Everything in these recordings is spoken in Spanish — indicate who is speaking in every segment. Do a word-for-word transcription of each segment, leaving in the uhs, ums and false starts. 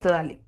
Speaker 1: Listo, dale.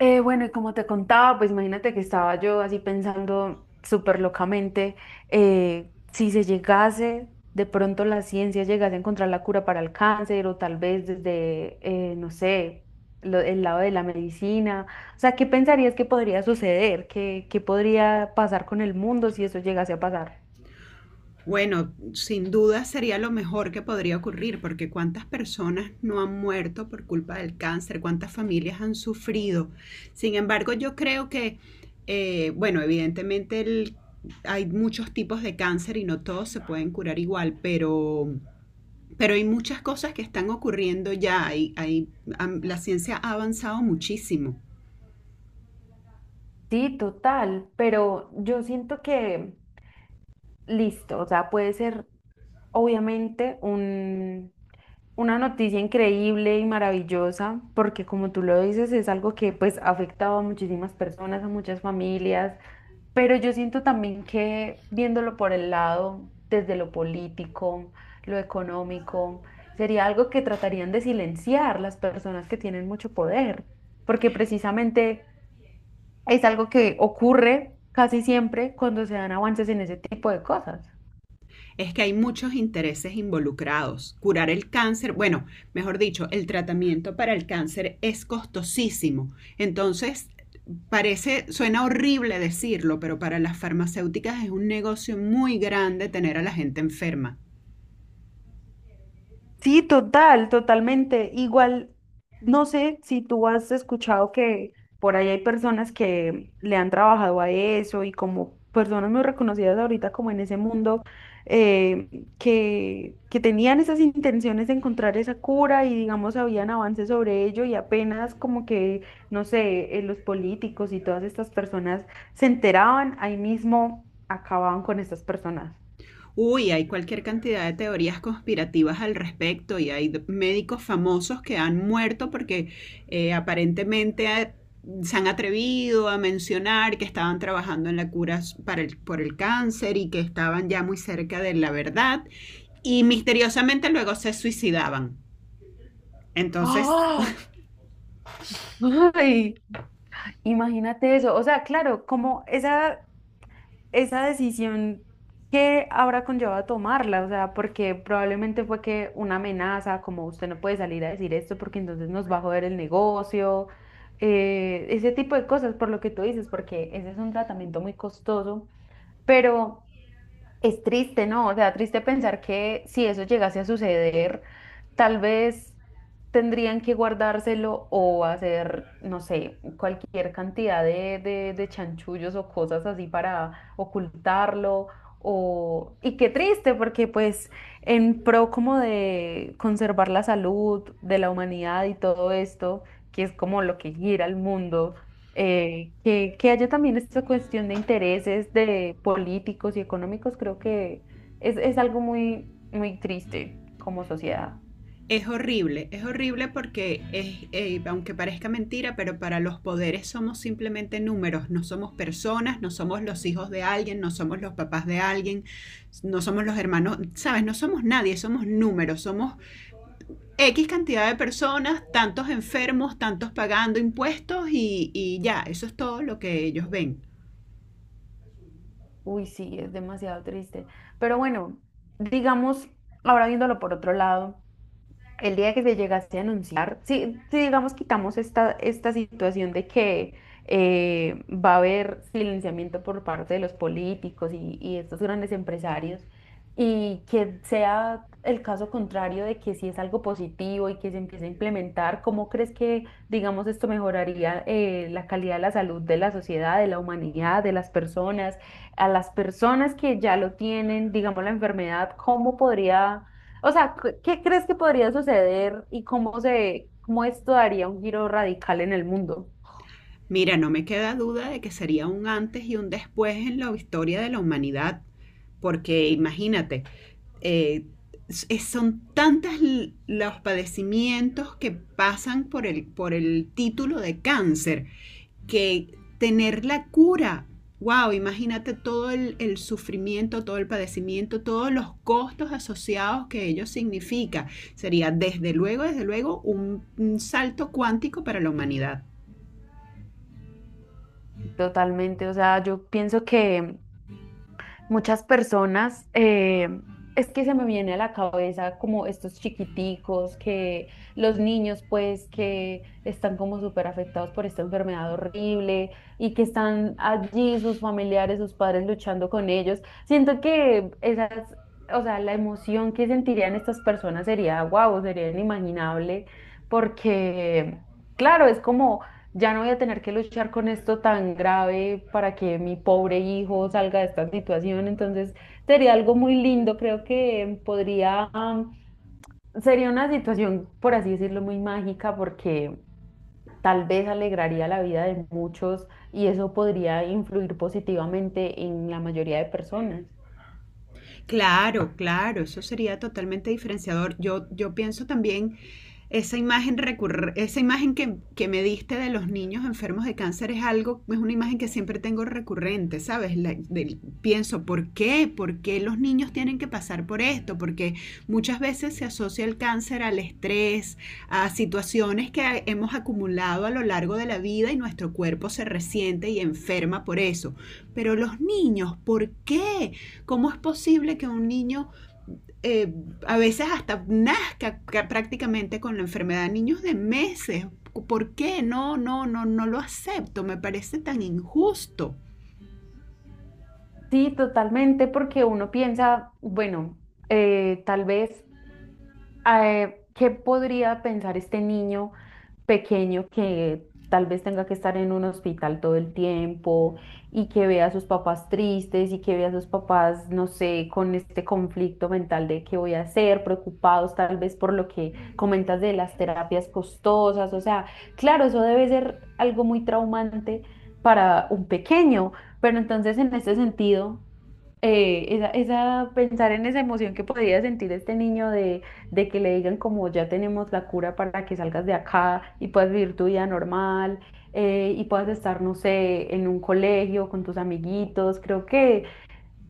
Speaker 1: Eh, bueno, y como te contaba, pues imagínate que estaba yo así pensando súper locamente, eh, si se llegase, de pronto la ciencia llegase a encontrar la cura para el cáncer o tal vez desde, eh, no sé, lo- el lado de la medicina. O sea, ¿qué pensarías que podría suceder? ¿Qué, qué podría pasar con el mundo si eso llegase a pasar?
Speaker 2: Bueno, sin duda sería lo mejor que podría ocurrir, porque cuántas personas no han muerto por culpa del cáncer, cuántas familias han sufrido. Sin embargo, yo creo que, eh, bueno, evidentemente el- hay muchos tipos de cáncer y no todos se pueden curar igual, pero, pero hay muchas cosas que están ocurriendo ya. Hay- hay- am- la ciencia ha avanzado muchísimo.
Speaker 1: Sí, total, pero yo siento que... Listo, o sea, puede ser obviamente un, una noticia increíble y maravillosa, porque como tú lo dices, es algo que pues ha afectado a muchísimas personas, a muchas familias, pero yo siento también que viéndolo por el lado, desde lo político, lo económico, sería algo que tratarían de silenciar las personas que tienen mucho poder, porque precisamente es algo que ocurre casi siempre cuando se dan avances en ese tipo de cosas.
Speaker 2: Es que hay muchos intereses involucrados. Curar el cáncer, bueno, mejor dicho, el tratamiento para el cáncer es costosísimo. Entonces, parece, suena horrible decirlo, pero para las farmacéuticas es un negocio muy grande tener a la gente enferma.
Speaker 1: Sí, total, totalmente. Igual, no sé si tú has escuchado que por ahí hay personas que le han trabajado a eso y como personas muy reconocidas ahorita como en ese mundo, eh, que, que tenían esas intenciones de encontrar esa cura y digamos habían avances sobre ello y apenas como que, no sé, eh, los políticos y todas estas personas se enteraban, ahí mismo acababan con estas personas.
Speaker 2: Uy, hay cualquier cantidad de teorías conspirativas al respecto y hay d- médicos famosos que han muerto porque eh, aparentemente eh, se han atrevido a mencionar que estaban trabajando en la cura s- para el- por el cáncer y que estaban ya muy cerca de la verdad y misteriosamente luego se suicidaban. Entonces,
Speaker 1: ¡Ah! ¡Ay! Imagínate eso, o sea, claro, como esa, esa decisión que habrá conllevado tomarla, o sea, porque probablemente fue que una amenaza, como usted no puede salir a decir esto porque entonces nos va a joder el negocio, eh, ese tipo de cosas, por lo que tú dices, porque ese es un tratamiento muy costoso, pero... Es triste, ¿no? O sea, triste pensar que si eso llegase a suceder, tal vez tendrían que guardárselo o hacer, no sé, cualquier cantidad de, de, de chanchullos o cosas así para ocultarlo. O... Y qué triste, porque pues en pro como de conservar la salud de la humanidad y todo esto, que es como lo que gira el mundo eh, que, que haya también esta cuestión de intereses de políticos y económicos, creo que es, es algo muy, muy triste como sociedad.
Speaker 2: es horrible, es horrible porque es, eh, aunque parezca mentira, pero para los poderes somos simplemente números, no somos personas, no somos los hijos de alguien, no somos los papás de alguien, no somos los hermanos, sabes, no somos nadie, somos números, somos equis cantidad de personas, tantos enfermos, tantos pagando impuestos y, y ya, eso es todo lo que ellos ven.
Speaker 1: Uy, sí, es demasiado triste. Pero bueno, digamos, ahora viéndolo por otro lado. El día que se llegase a anunciar, si, si digamos quitamos esta, esta situación de que eh, va a haber silenciamiento por parte de los políticos y, y estos grandes empresarios, y que sea el caso contrario de que si es algo positivo y que se empiece a implementar, ¿cómo crees que, digamos, esto mejoraría eh, la calidad de la salud de la sociedad, de la humanidad, de las personas, a las personas que ya lo tienen, digamos, la enfermedad, ¿cómo podría o sea, ¿qué qué crees que podría suceder y cómo se, cómo esto daría un giro radical en el mundo?
Speaker 2: Mira, no me queda duda de que sería un antes y un después en la historia de la humanidad, porque imagínate, eh, son tantas los padecimientos que pasan por el, por el título de cáncer que tener la cura, wow, imagínate todo el, el sufrimiento, todo el padecimiento, todos los costos asociados que ello significa. Sería desde luego, desde luego, un, un salto cuántico para la humanidad.
Speaker 1: Totalmente, o sea, yo pienso que muchas personas, eh, es que se me viene a la cabeza como estos chiquiticos, que los niños pues que están como súper afectados por esta enfermedad horrible y que están allí sus familiares, sus padres luchando con ellos. Siento que esas, o sea, la emoción que sentirían estas personas sería, wow, sería inimaginable porque, claro, es como... Ya no voy a tener que luchar con esto tan grave para que mi pobre hijo salga de esta situación. Entonces, sería algo muy lindo. Creo que podría, am, sería una situación, por así decirlo, muy mágica porque tal vez alegraría la vida de muchos y eso podría influir positivamente en la mayoría de personas.
Speaker 2: Claro, claro, eso sería totalmente diferenciador. Yo, yo pienso también esa imagen recurre, esa imagen que, que, me diste de los niños enfermos de cáncer es algo, es una imagen que siempre tengo recurrente, ¿sabes? La, de, pienso, ¿por qué? ¿Por qué los niños tienen que pasar por esto? Porque muchas veces se asocia el cáncer al estrés, a situaciones que hemos acumulado a lo largo de la vida y nuestro cuerpo se resiente y enferma por eso. Pero los niños, ¿por qué? ¿Cómo es posible que un niño eh, a veces hasta nazca prácticamente con la enfermedad, niños de meses? ¿Por qué? No, no, no, no lo acepto, me parece tan injusto.
Speaker 1: Sí, totalmente, porque uno piensa, bueno, eh, tal vez eh, ¿qué podría pensar este niño pequeño que tal vez tenga que estar en un hospital todo el tiempo y que vea a sus papás tristes y que vea a sus papás, no sé, con este conflicto mental de qué voy a hacer, preocupados tal vez por lo que comentas de las terapias costosas? O sea, claro, eso debe ser algo muy traumante para un pequeño, pero entonces en este sentido eh, esa, esa, pensar en esa emoción que podía sentir este niño de, de que le digan como ya tenemos la cura para que salgas de acá y puedas vivir tu vida normal eh, y puedas estar, no sé, en un colegio con tus amiguitos, creo que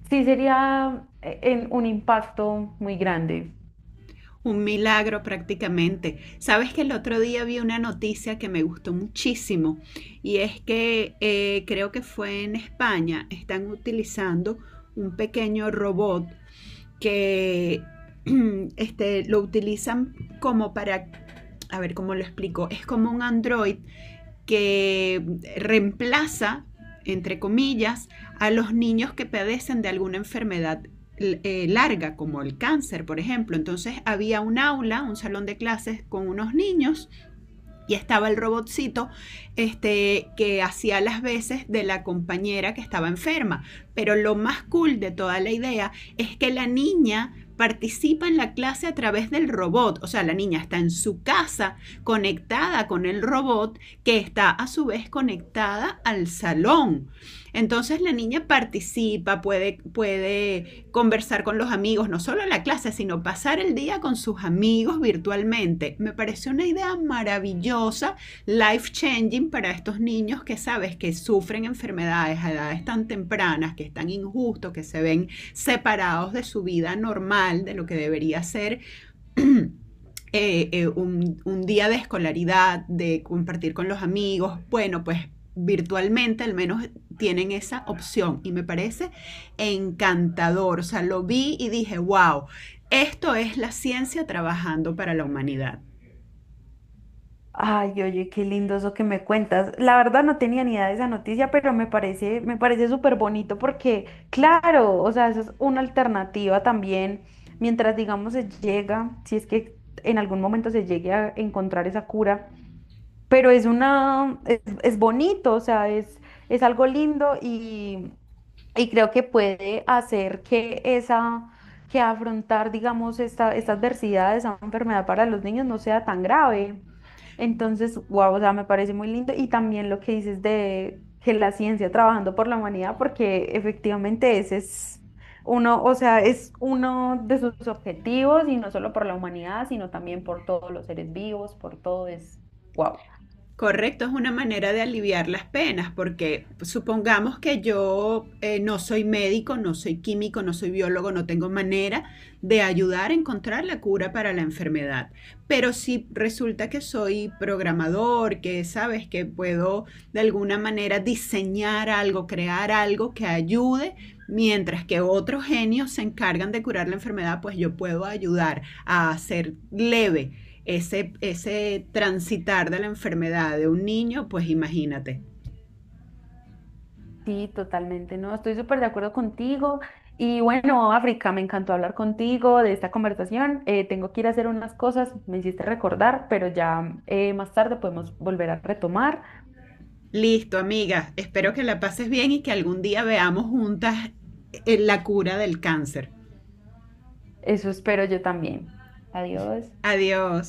Speaker 1: sí sería eh, en un impacto muy grande.
Speaker 2: Un milagro prácticamente. Sabes que el otro día vi una noticia que me gustó muchísimo y es que eh, creo que fue en España, están utilizando un pequeño robot que este, lo utilizan como para, a ver cómo lo explico, es como un android que reemplaza, entre comillas, a los niños que padecen de alguna enfermedad eh, larga, como el cáncer, por ejemplo. Entonces había un aula, un salón de clases con unos niños y estaba el robotcito este, que hacía las veces de la compañera que estaba enferma. Pero lo más cool de toda la idea es que la niña participa en la clase a través del robot, o sea, la niña está en su casa conectada con el robot que está a su vez conectada al salón. Entonces la niña participa, puede, puede conversar con los amigos, no solo en la clase, sino pasar el día con sus amigos virtualmente. Me pareció una idea maravillosa, life changing para estos niños que sabes que sufren enfermedades a edades tan tempranas, que es tan injusto, que se ven separados de su vida normal, de lo que debería ser eh, eh, un, un día de escolaridad, de compartir con los amigos, bueno, pues virtualmente al menos tienen esa opción y me parece encantador. O sea, lo vi y dije, wow, esto es la ciencia trabajando para la humanidad.
Speaker 1: Ay, oye, qué lindo eso que me cuentas. La verdad no tenía ni idea de esa noticia, pero me parece, me parece súper bonito porque, claro, o sea, esa es una alternativa también, mientras digamos se llega, si es que en algún momento se llegue a encontrar esa cura, pero es una, es, es bonito, o sea, es, es algo lindo y. Y creo que puede hacer que esa, que afrontar, digamos, esta, esta adversidad, esa enfermedad para los niños no sea tan grave. Entonces, wow, o sea, me parece muy lindo. Y también lo que dices de que la ciencia trabajando por la humanidad, porque efectivamente ese es uno, o sea, es uno de sus objetivos, y no solo por la humanidad, sino también por todos los seres vivos, por todo es wow.
Speaker 2: Correcto, es una manera de aliviar las penas, porque supongamos que yo eh, no soy médico, no soy químico, no soy biólogo, no tengo manera de ayudar a encontrar la cura para la enfermedad. Pero si resulta que soy programador, que sabes que puedo de alguna manera diseñar algo, crear algo que ayude, mientras que otros genios se encargan de curar la enfermedad, pues yo puedo ayudar a hacer leve ese, ese transitar de la enfermedad de un niño, pues imagínate.
Speaker 1: Sí, totalmente, no, estoy súper de acuerdo contigo. Y bueno, África, me encantó hablar contigo de esta conversación. Eh, tengo que ir a hacer unas cosas, me hiciste recordar, pero ya eh, más tarde podemos volver a retomar.
Speaker 2: Listo, amiga, espero que la pases bien y que algún día veamos juntas eh, la cura del cáncer.
Speaker 1: Eso espero yo también. Adiós.
Speaker 2: Adiós.